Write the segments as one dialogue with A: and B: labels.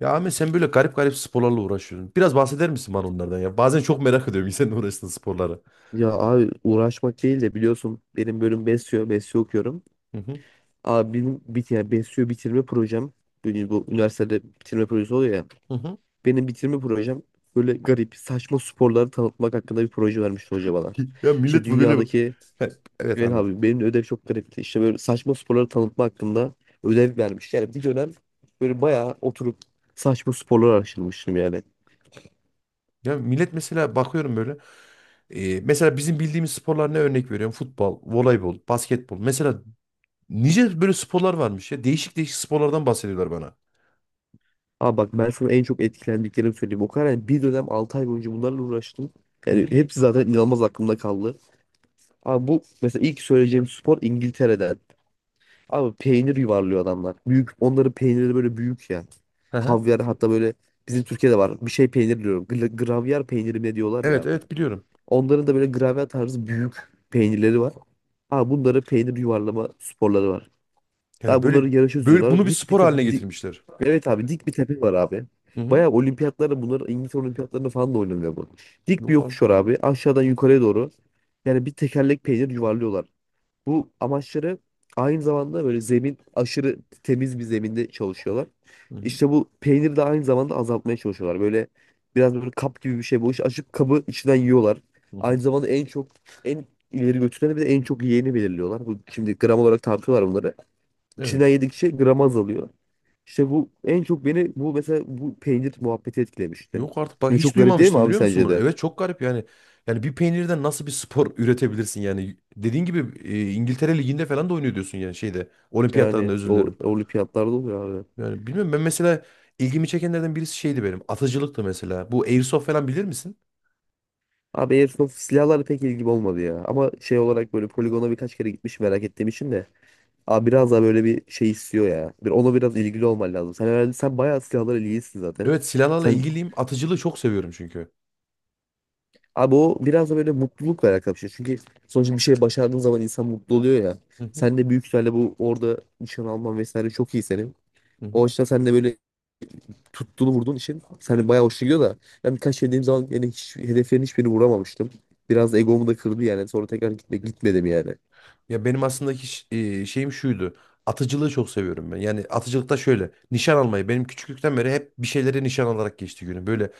A: Ya Ahmet sen böyle garip garip sporlarla uğraşıyorsun. Biraz bahseder misin bana onlardan ya? Bazen çok merak ediyorum senin uğraştığın sporlara.
B: Ya abi uğraşmak değil de biliyorsun benim bölüm BESYO okuyorum.
A: Hı hı.
B: Abi benim yani BESYO bitirme projem, yani bu üniversitede bitirme projesi oluyor ya.
A: Hı hı.
B: Benim bitirme projem böyle garip saçma sporları tanıtmak hakkında bir proje vermişti hoca bana.
A: Ya
B: İşte
A: millet bu böyle...
B: dünyadaki,
A: He, evet,
B: evet
A: anlat.
B: abi benim de ödev çok garipti. İşte böyle saçma sporları tanıtma hakkında ödev vermiş. Yani bir dönem böyle bayağı oturup saçma sporları araştırmıştım yani.
A: Ya millet mesela bakıyorum böyle. Mesela bizim bildiğimiz sporlar ne, örnek veriyorum? Futbol, voleybol, basketbol. Mesela nice böyle sporlar varmış ya. Değişik değişik sporlardan bahsediyorlar bana.
B: Abi bak ben sana en çok etkilendiklerimi söyleyeyim. O kadar yani bir dönem 6 ay boyunca bunlarla uğraştım.
A: Hı
B: Yani
A: hı.
B: hepsi zaten inanılmaz aklımda kaldı. Abi bu mesela ilk söyleyeceğim spor İngiltere'den. Abi peynir yuvarlıyor adamlar. Büyük, onların peynirleri böyle büyük ya.
A: Hı hı.
B: Havyar hatta, böyle bizim Türkiye'de var. Bir şey peynir diyorum. Gravyer peyniri mi ne diyorlar ya
A: Evet
B: abi.
A: evet, biliyorum.
B: Onların da böyle gravyer tarzı büyük peynirleri var. Abi bunların peynir yuvarlama sporları var.
A: Yani
B: Abi
A: böyle,
B: bunları yarışa
A: böyle bunu
B: düzüyorlar.
A: bir
B: Dik bir
A: spor
B: tepe,
A: haline getirmişler.
B: evet abi dik bir tepe var abi.
A: Hı hı.
B: Bayağı olimpiyatlarda, bunlar İngiltere olimpiyatlarında falan da oynanıyor bu. Dik bir
A: Yok
B: yokuş
A: artık
B: var
A: ya.
B: abi. Aşağıdan yukarıya doğru. Yani bir tekerlek peynir yuvarlıyorlar. Bu amaçları aynı zamanda böyle zemin, aşırı temiz bir zeminde çalışıyorlar.
A: Hı hı.
B: İşte bu peyniri de aynı zamanda azaltmaya çalışıyorlar. Böyle biraz böyle kap gibi bir şey bu. İşte açıp kabı içinden yiyorlar.
A: Hı
B: Aynı
A: hı.
B: zamanda en çok en ileri götüreni bir de en çok yiyeni belirliyorlar. Bu şimdi gram olarak tartıyorlar bunları. İçinden
A: Evet.
B: yedikçe gram azalıyor. İşte bu en çok beni, bu mesela bu peynir muhabbeti etkilemişti.
A: Yok artık, bak
B: Şimdi
A: hiç
B: çok garip değil mi
A: duymamıştım
B: abi
A: biliyor musun
B: sence
A: bunu?
B: de?
A: Evet, çok garip yani. Yani bir peynirden nasıl bir spor üretebilirsin yani? Dediğin gibi İngiltere Ligi'nde falan da oynuyor diyorsun yani, şeyde. Olimpiyatlarında,
B: Yani
A: özür
B: o
A: dilerim.
B: olimpiyatlarda oluyor abi.
A: Yani bilmiyorum, ben mesela ilgimi çekenlerden birisi şeydi benim. Atıcılıktı mesela. Bu Airsoft falan bilir misin?
B: Abi Airsoft silahlarla pek ilgim olmadı ya. Ama şey olarak böyle poligona birkaç kere gitmiş merak ettiğim için de. Abi biraz daha böyle bir şey istiyor ya. Bir ona biraz ilgili olman lazım. Sen herhalde, sen bayağı silahlara ilgilisin zaten.
A: Evet, silahlarla
B: Sen,
A: ilgiliyim. Atıcılığı çok seviyorum çünkü.
B: abi o biraz da böyle mutlulukla alakalı bir şey. Çünkü sonuçta bir şey başardığın zaman insan mutlu oluyor ya.
A: Hı hı,
B: Sen de büyük ihtimalle bu, orada nişan alman vesaire çok iyi senin.
A: hı
B: O
A: hı.
B: açıdan sen de böyle tuttuğunu vurduğun için sen de bayağı hoşuna gidiyor da. Ben birkaç şey dediğim zaman yani hiç, hedeflerin hiçbirini vuramamıştım. Biraz da egomu da kırdı yani. Sonra tekrar gitmedim yani.
A: Ya benim aslında şeyim şuydu. Atıcılığı çok seviyorum ben. Yani atıcılıkta şöyle. Nişan almayı. Benim küçüklükten beri hep bir şeylere nişan alarak geçti günüm. Böyle.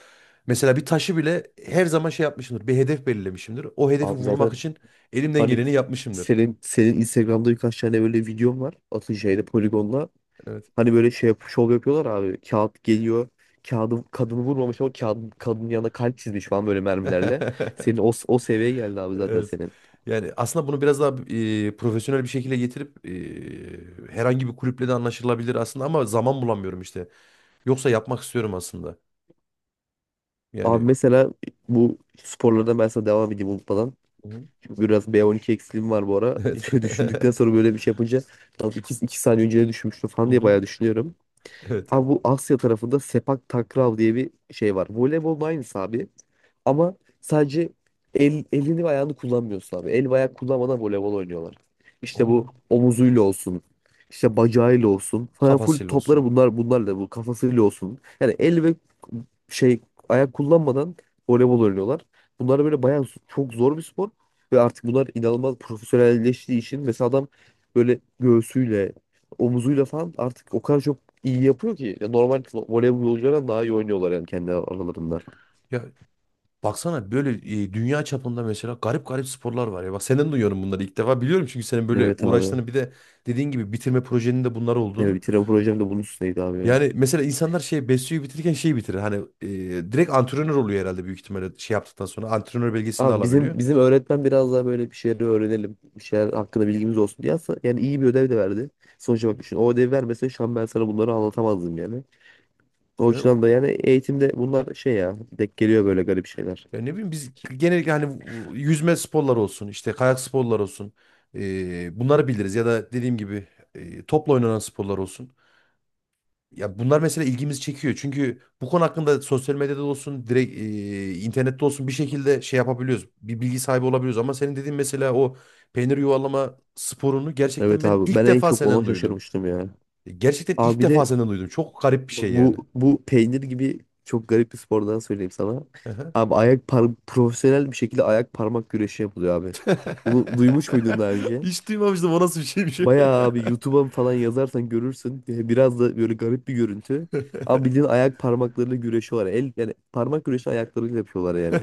A: Mesela bir taşı bile her zaman şey yapmışımdır. Bir hedef belirlemişimdir. O hedefi
B: Abi zaten,
A: vurmak için elimden
B: hani
A: geleni yapmışımdır.
B: senin Instagram'da birkaç tane böyle videom var. Atınca'yla, Poligon'la.
A: Evet.
B: Hani böyle şey yap, şov yapıyorlar abi. Kağıt geliyor. Kağıdın kadını vurmamış ama kağıdın kadının yanına kalp çizmiş falan böyle mermilerle. Senin o seviyeye geldi abi zaten
A: Evet.
B: senin.
A: Yani aslında bunu biraz daha profesyonel bir şekilde getirip herhangi bir kulüple de anlaşılabilir aslında, ama zaman bulamıyorum işte. Yoksa yapmak istiyorum aslında.
B: Abi
A: Yani.
B: mesela bu sporlardan ben sana devam edeyim unutmadan.
A: Hı.
B: Çünkü biraz B12 eksiliğim var bu ara.
A: Evet.
B: Düşündükten sonra böyle bir şey yapınca 2, iki iki saniye önce düşünmüştüm
A: Hı
B: falan diye
A: hı.
B: bayağı düşünüyorum.
A: Evet.
B: Abi bu Asya tarafında Sepak Takrav diye bir şey var. Voleybolun aynısı abi. Ama sadece elini ve ayağını kullanmıyorsun abi. El ve ayak kullanmadan voleybol oynuyorlar. İşte bu
A: Onun.
B: omuzuyla olsun, işte bacağıyla olsun. Falan full
A: Kafasıyla
B: topları
A: olsun.
B: bunlar, bunlarla bu kafasıyla olsun. Yani el ve şey ayak kullanmadan voleybol oynuyorlar. Bunlar böyle bayağı çok zor bir spor. Ve artık bunlar inanılmaz profesyonelleştiği için mesela adam böyle göğsüyle omuzuyla falan artık o kadar çok iyi yapıyor ki. Ya normal voleybolculardan daha iyi oynuyorlar yani kendi aralarında.
A: Ya, baksana böyle, dünya çapında mesela garip garip sporlar var ya. Bak, senden duyuyorum bunları ilk defa. Biliyorum çünkü senin böyle
B: Evet abi.
A: uğraştığını, bir de dediğin gibi bitirme projenin de bunlar
B: Evet,
A: olduğunu.
B: bitiren projem de bunun üstüneydi abi ya.
A: Yani mesela insanlar şey, Besyo'yu bitirirken şeyi bitirir. Hani e, direkt antrenör oluyor herhalde, büyük ihtimalle şey yaptıktan sonra antrenör belgesini de
B: Abi bizim
A: alabiliyor.
B: bizim öğretmen biraz daha böyle bir şeyleri öğrenelim, bir şeyler hakkında bilgimiz olsun diye aslında yani iyi bir ödev de verdi. Sonuçta bak düşün, o ödevi vermese şu an ben sana bunları anlatamazdım yani. O
A: Ben
B: yüzden da yani eğitimde bunlar şey ya, denk geliyor böyle garip şeyler.
A: ya ne bileyim, biz genellikle hani bu yüzme sporları olsun, işte kayak sporları olsun. Bunları biliriz ya da dediğim gibi topla oynanan sporlar olsun. Ya bunlar mesela ilgimizi çekiyor. Çünkü bu konu hakkında sosyal medyada olsun, direkt internette olsun, bir şekilde şey yapabiliyoruz. Bir bilgi sahibi olabiliyoruz. Ama senin dediğin mesela o peynir yuvalama sporunu gerçekten
B: Evet
A: ben
B: abi
A: ilk
B: ben en
A: defa
B: çok ona
A: senden duydum.
B: şaşırmıştım ya.
A: Gerçekten
B: Abi
A: ilk
B: bir de,
A: defa senden duydum. Çok garip bir şey yani.
B: bu peynir gibi çok garip bir spordan söyleyeyim sana.
A: Aha.
B: Abi ayak par profesyonel bir şekilde ayak parmak güreşi yapılıyor abi. Bunu duymuş muydun daha önce?
A: Hiç duymamıştım, o nasıl bir şeymiş öyle
B: Bayağı,
A: ya.
B: abi YouTube'a falan yazarsan görürsün. Biraz da böyle garip bir görüntü. Ama bildiğin ayak parmaklarıyla güreşiyorlar. El, yani parmak güreşi ayaklarıyla yapıyorlar yani.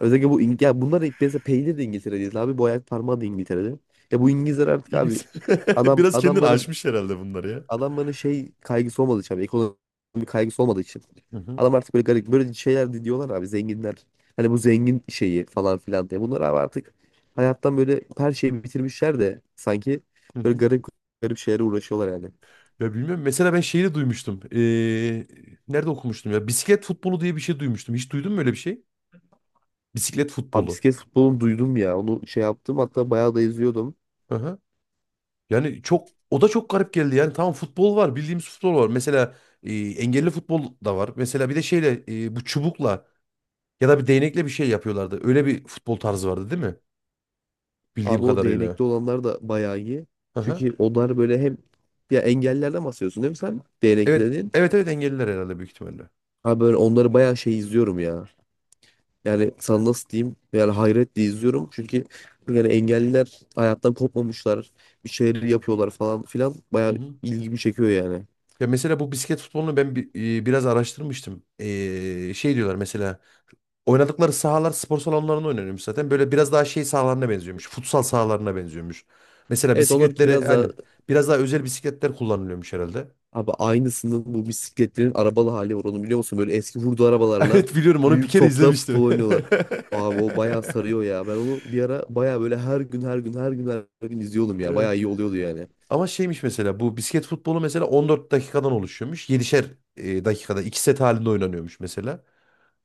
B: Özellikle bu ya bunlar hep, mesela peynir de İngiltere'de abi, bu ayak parmağı da İngiltere'de. Ya bu İngilizler artık abi,
A: İlginç.
B: adam
A: Biraz kendini
B: adamların
A: aşmış herhalde bunları ya.
B: adamların şey kaygısı olmadığı için abi, ekonomik kaygısı olmadığı için.
A: Hı hı.
B: Adam artık böyle garip böyle şeyler, diyorlar abi, zenginler. Hani bu zengin şeyi falan filan diye. Bunlar abi artık hayattan böyle her şeyi bitirmişler de sanki,
A: Hı
B: böyle
A: hı.
B: garip garip şeylere uğraşıyorlar yani.
A: Ya bilmiyorum. Mesela ben şeyi de duymuştum. Nerede okumuştum ya? Bisiklet futbolu diye bir şey duymuştum. Hiç duydun mu öyle bir şey? Bisiklet
B: Abi
A: futbolu.
B: bisiklet futbolunu duydum ya. Onu şey yaptım hatta, bayağı da izliyordum.
A: Hı hı. Yani çok, o da çok garip geldi. Yani tamam, futbol var. Bildiğimiz futbol var. Mesela engelli futbol da var. Mesela bir de şeyle bu çubukla ya da bir değnekle bir şey yapıyorlardı. Öyle bir futbol tarzı vardı değil mi? Bildiğim
B: Abi o
A: kadarıyla.
B: değnekli olanlar da bayağı iyi.
A: Hı hı.
B: Çünkü onlar böyle hem, ya engellerden bahsediyorsun değil mi sen? Değnekli
A: Evet.
B: dediğin.
A: Evet evet, engelliler herhalde büyük ihtimalle.
B: Abi böyle onları bayağı şey izliyorum ya, yani sana nasıl diyeyim, yani hayretle izliyorum. Çünkü yani engelliler hayattan kopmamışlar. Bir şeyleri yapıyorlar falan filan.
A: Hı
B: Bayağı
A: hı.
B: ilgimi çekiyor yani.
A: Ya mesela bu bisiklet futbolunu ben biraz araştırmıştım. Şey diyorlar mesela. Oynadıkları sahalar spor salonlarında oynanıyormuş zaten. Böyle biraz daha şey sahalarına benziyormuş. Futsal sahalarına benziyormuş. Mesela
B: Evet, onlarınki
A: bisikletleri
B: biraz daha,
A: aynen. Biraz daha özel bisikletler kullanılıyormuş herhalde.
B: abi aynısının bu bisikletlerin arabalı hali var, onu biliyor musun? Böyle eski hurda arabalarla
A: Evet, biliyorum, onu bir
B: büyük
A: kere
B: topta futbol
A: izlemiştim.
B: oynuyorlar. Abi o bayağı sarıyor ya. Ben onu bir ara bayağı böyle her gün her gün her gün her gün izliyordum ya.
A: Evet.
B: Bayağı iyi oluyordu yani.
A: Ama şeymiş mesela, bu bisiklet futbolu mesela 14 dakikadan oluşuyormuş. 7'şer dakikada 2 set halinde oynanıyormuş mesela.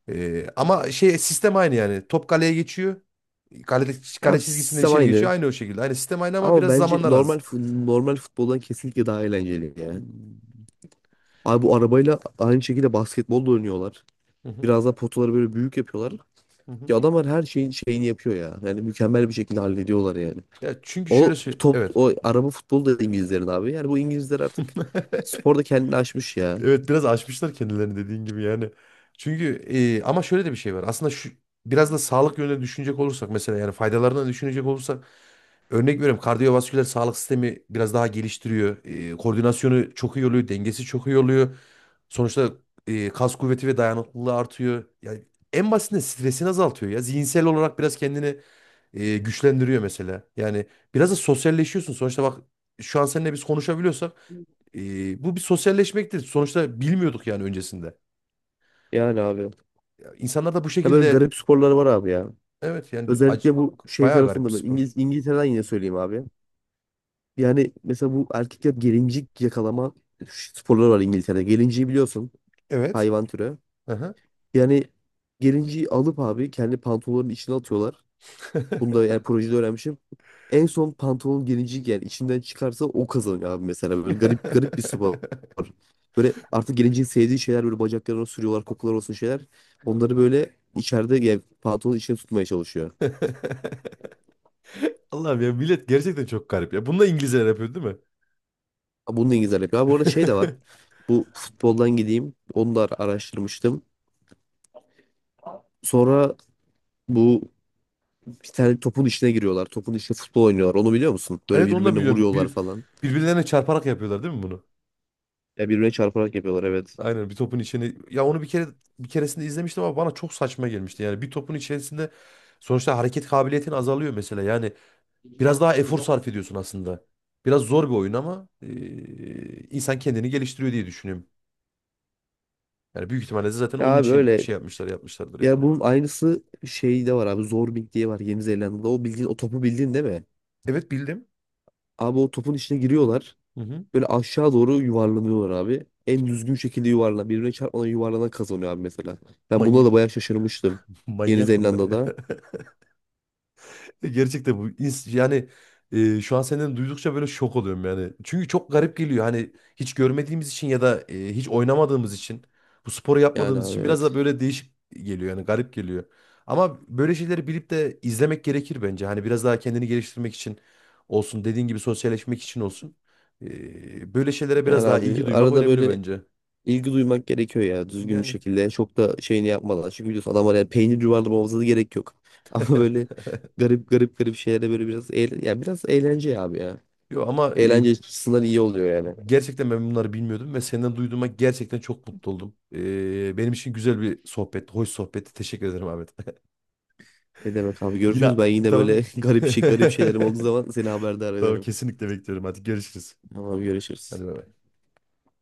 A: Ama şey, sistem aynı yani. Top kaleye geçiyor. Kale, kale
B: Ya
A: çizgisinden
B: sistem
A: içeri geçiyor.
B: aynı.
A: Aynı o şekilde. Aynı sistem, aynı, ama
B: Ama
A: biraz
B: bence
A: zamanlar
B: normal
A: az.
B: normal futboldan kesinlikle daha eğlenceli ya.
A: Hmm.
B: Abi bu arabayla aynı şekilde basketbol da oynuyorlar.
A: Hı hı,
B: Biraz daha potaları böyle büyük yapıyorlar.
A: hı hı.
B: Ya adamlar her şeyin şeyini yapıyor ya. Yani mükemmel bir şekilde hallediyorlar yani.
A: Ya çünkü şöyle
B: O
A: söyle,
B: top,
A: evet.
B: o araba futbolu da İngilizlerin abi. Yani bu İngilizler artık sporda kendini aşmış ya.
A: Evet, biraz aşmışlar kendilerini dediğin gibi yani. Çünkü ama şöyle de bir şey var. Aslında şu, biraz da sağlık yönüne düşünecek olursak mesela, yani faydalarını düşünecek olursak, örnek veriyorum, kardiyovasküler sağlık sistemi biraz daha geliştiriyor. Koordinasyonu çok iyi oluyor, dengesi çok iyi oluyor. Sonuçta kas kuvveti ve dayanıklılığı artıyor. Yani en basitinden stresini azaltıyor ya. Zihinsel olarak biraz kendini güçlendiriyor mesela. Yani biraz da sosyalleşiyorsun. Sonuçta bak, şu an seninle biz konuşabiliyorsak, bu bir sosyalleşmektir. Sonuçta bilmiyorduk yani öncesinde.
B: Yani abi.
A: Ya, İnsanlar da bu
B: Ya böyle
A: şekilde,
B: garip sporları var abi ya.
A: evet yani
B: Özellikle bu şey
A: bayağı garip bir
B: tarafında ben
A: spor.
B: İngiltere'den yine söyleyeyim abi. Yani mesela bu erkekler gelincik yakalama sporları var İngiltere'de. Gelinciği biliyorsun,
A: Evet.
B: hayvan türü.
A: Aha.
B: Yani gelinciyi alıp abi kendi pantolonların içine atıyorlar. Bunu da yani projede öğrenmişim. En son pantolon gelinciyi yani içinden çıkarsa o kazanıyor abi mesela. Böyle garip garip bir spor. Böyle artık gelinciğin sevdiği şeyler böyle bacaklarına sürüyorlar, kokular olsun şeyler. Onları böyle içeride, yani pantolonun içine tutmaya çalışıyor.
A: Allah'ım, ya millet, gerçekten çok garip ya. Bunu da İngilizler yapıyor değil mi?
B: Ha, bunu da İngilizler yapıyor. Abi bu arada şey de var. Bu futboldan gideyim. Onu da araştırmıştım. Sonra bu, bir tane topun içine giriyorlar. Topun içine futbol oynuyorlar. Onu biliyor musun? Böyle
A: Evet, onu da
B: birbirine
A: biliyorum.
B: vuruyorlar
A: Bir,
B: falan.
A: birbirlerine çarparak yapıyorlar değil mi bunu?
B: Ya birbirine çarparak yapıyorlar evet.
A: Aynen, bir topun içine. Ya onu bir keresinde izlemiştim ama bana çok saçma gelmişti. Yani bir topun içerisinde sonuçta hareket kabiliyetin azalıyor mesela. Yani biraz daha efor sarf ediyorsun aslında. Biraz zor bir oyun ama insan kendini geliştiriyor diye düşünüyorum. Yani büyük ihtimalle de zaten
B: Ya
A: onun
B: abi
A: için
B: öyle.
A: şey yapmışlardır
B: Ya
A: yani.
B: bunun aynısı şeyde var abi. Zorbing diye var Yeni Zelanda'da. O bildiğin o topu, bildiğin değil mi?
A: Evet, bildim.
B: Abi o topun içine giriyorlar.
A: Hı hı.
B: Böyle aşağı doğru yuvarlanıyorlar abi. En düzgün şekilde yuvarlan, birbirine çarpmadan yuvarlanan kazanıyor abi mesela. Ben buna
A: Manyak.
B: da bayağı şaşırmıştım. Yeni
A: Manyak bunlar ya.
B: Zelanda'da.
A: Gerçekten bu yani şu an senden duydukça böyle şok oluyorum yani. Çünkü çok garip geliyor, hani hiç görmediğimiz için ya da hiç oynamadığımız için, bu sporu
B: Yani
A: yapmadığımız
B: abi
A: için biraz da
B: evet.
A: böyle değişik geliyor yani, garip geliyor. Ama böyle şeyleri bilip de izlemek gerekir bence. Hani biraz daha kendini geliştirmek için olsun, dediğin gibi sosyalleşmek için olsun. Böyle şeylere
B: Yani
A: biraz daha
B: abi
A: ilgi duymak
B: arada
A: önemli
B: böyle
A: bence.
B: İlgi duymak gerekiyor ya, düzgün bir
A: Yani.
B: şekilde. Çok da şeyini yapmadan. Çünkü biliyorsun adamlar, yani peynir yuvarlamamıza da gerek yok. Ama böyle garip garip garip şeylere böyle biraz eğlen ya, biraz eğlence ya abi ya.
A: Yo ama e,
B: Eğlence açısından iyi oluyor yani.
A: Gerçekten ben bunları bilmiyordum ve senden duyduğuma gerçekten çok mutlu oldum. Benim için güzel bir sohbet, hoş sohbetti. Teşekkür ederim, Ahmet.
B: Ne demek abi,
A: Yine
B: görüşürüz. Ben yine
A: tamam.
B: böyle garip garip şeylerim olduğu zaman seni haberdar
A: Tamam,
B: ederim.
A: kesinlikle bekliyorum. Hadi görüşürüz.
B: Tamam görüşürüz.
A: Hadi bay bay.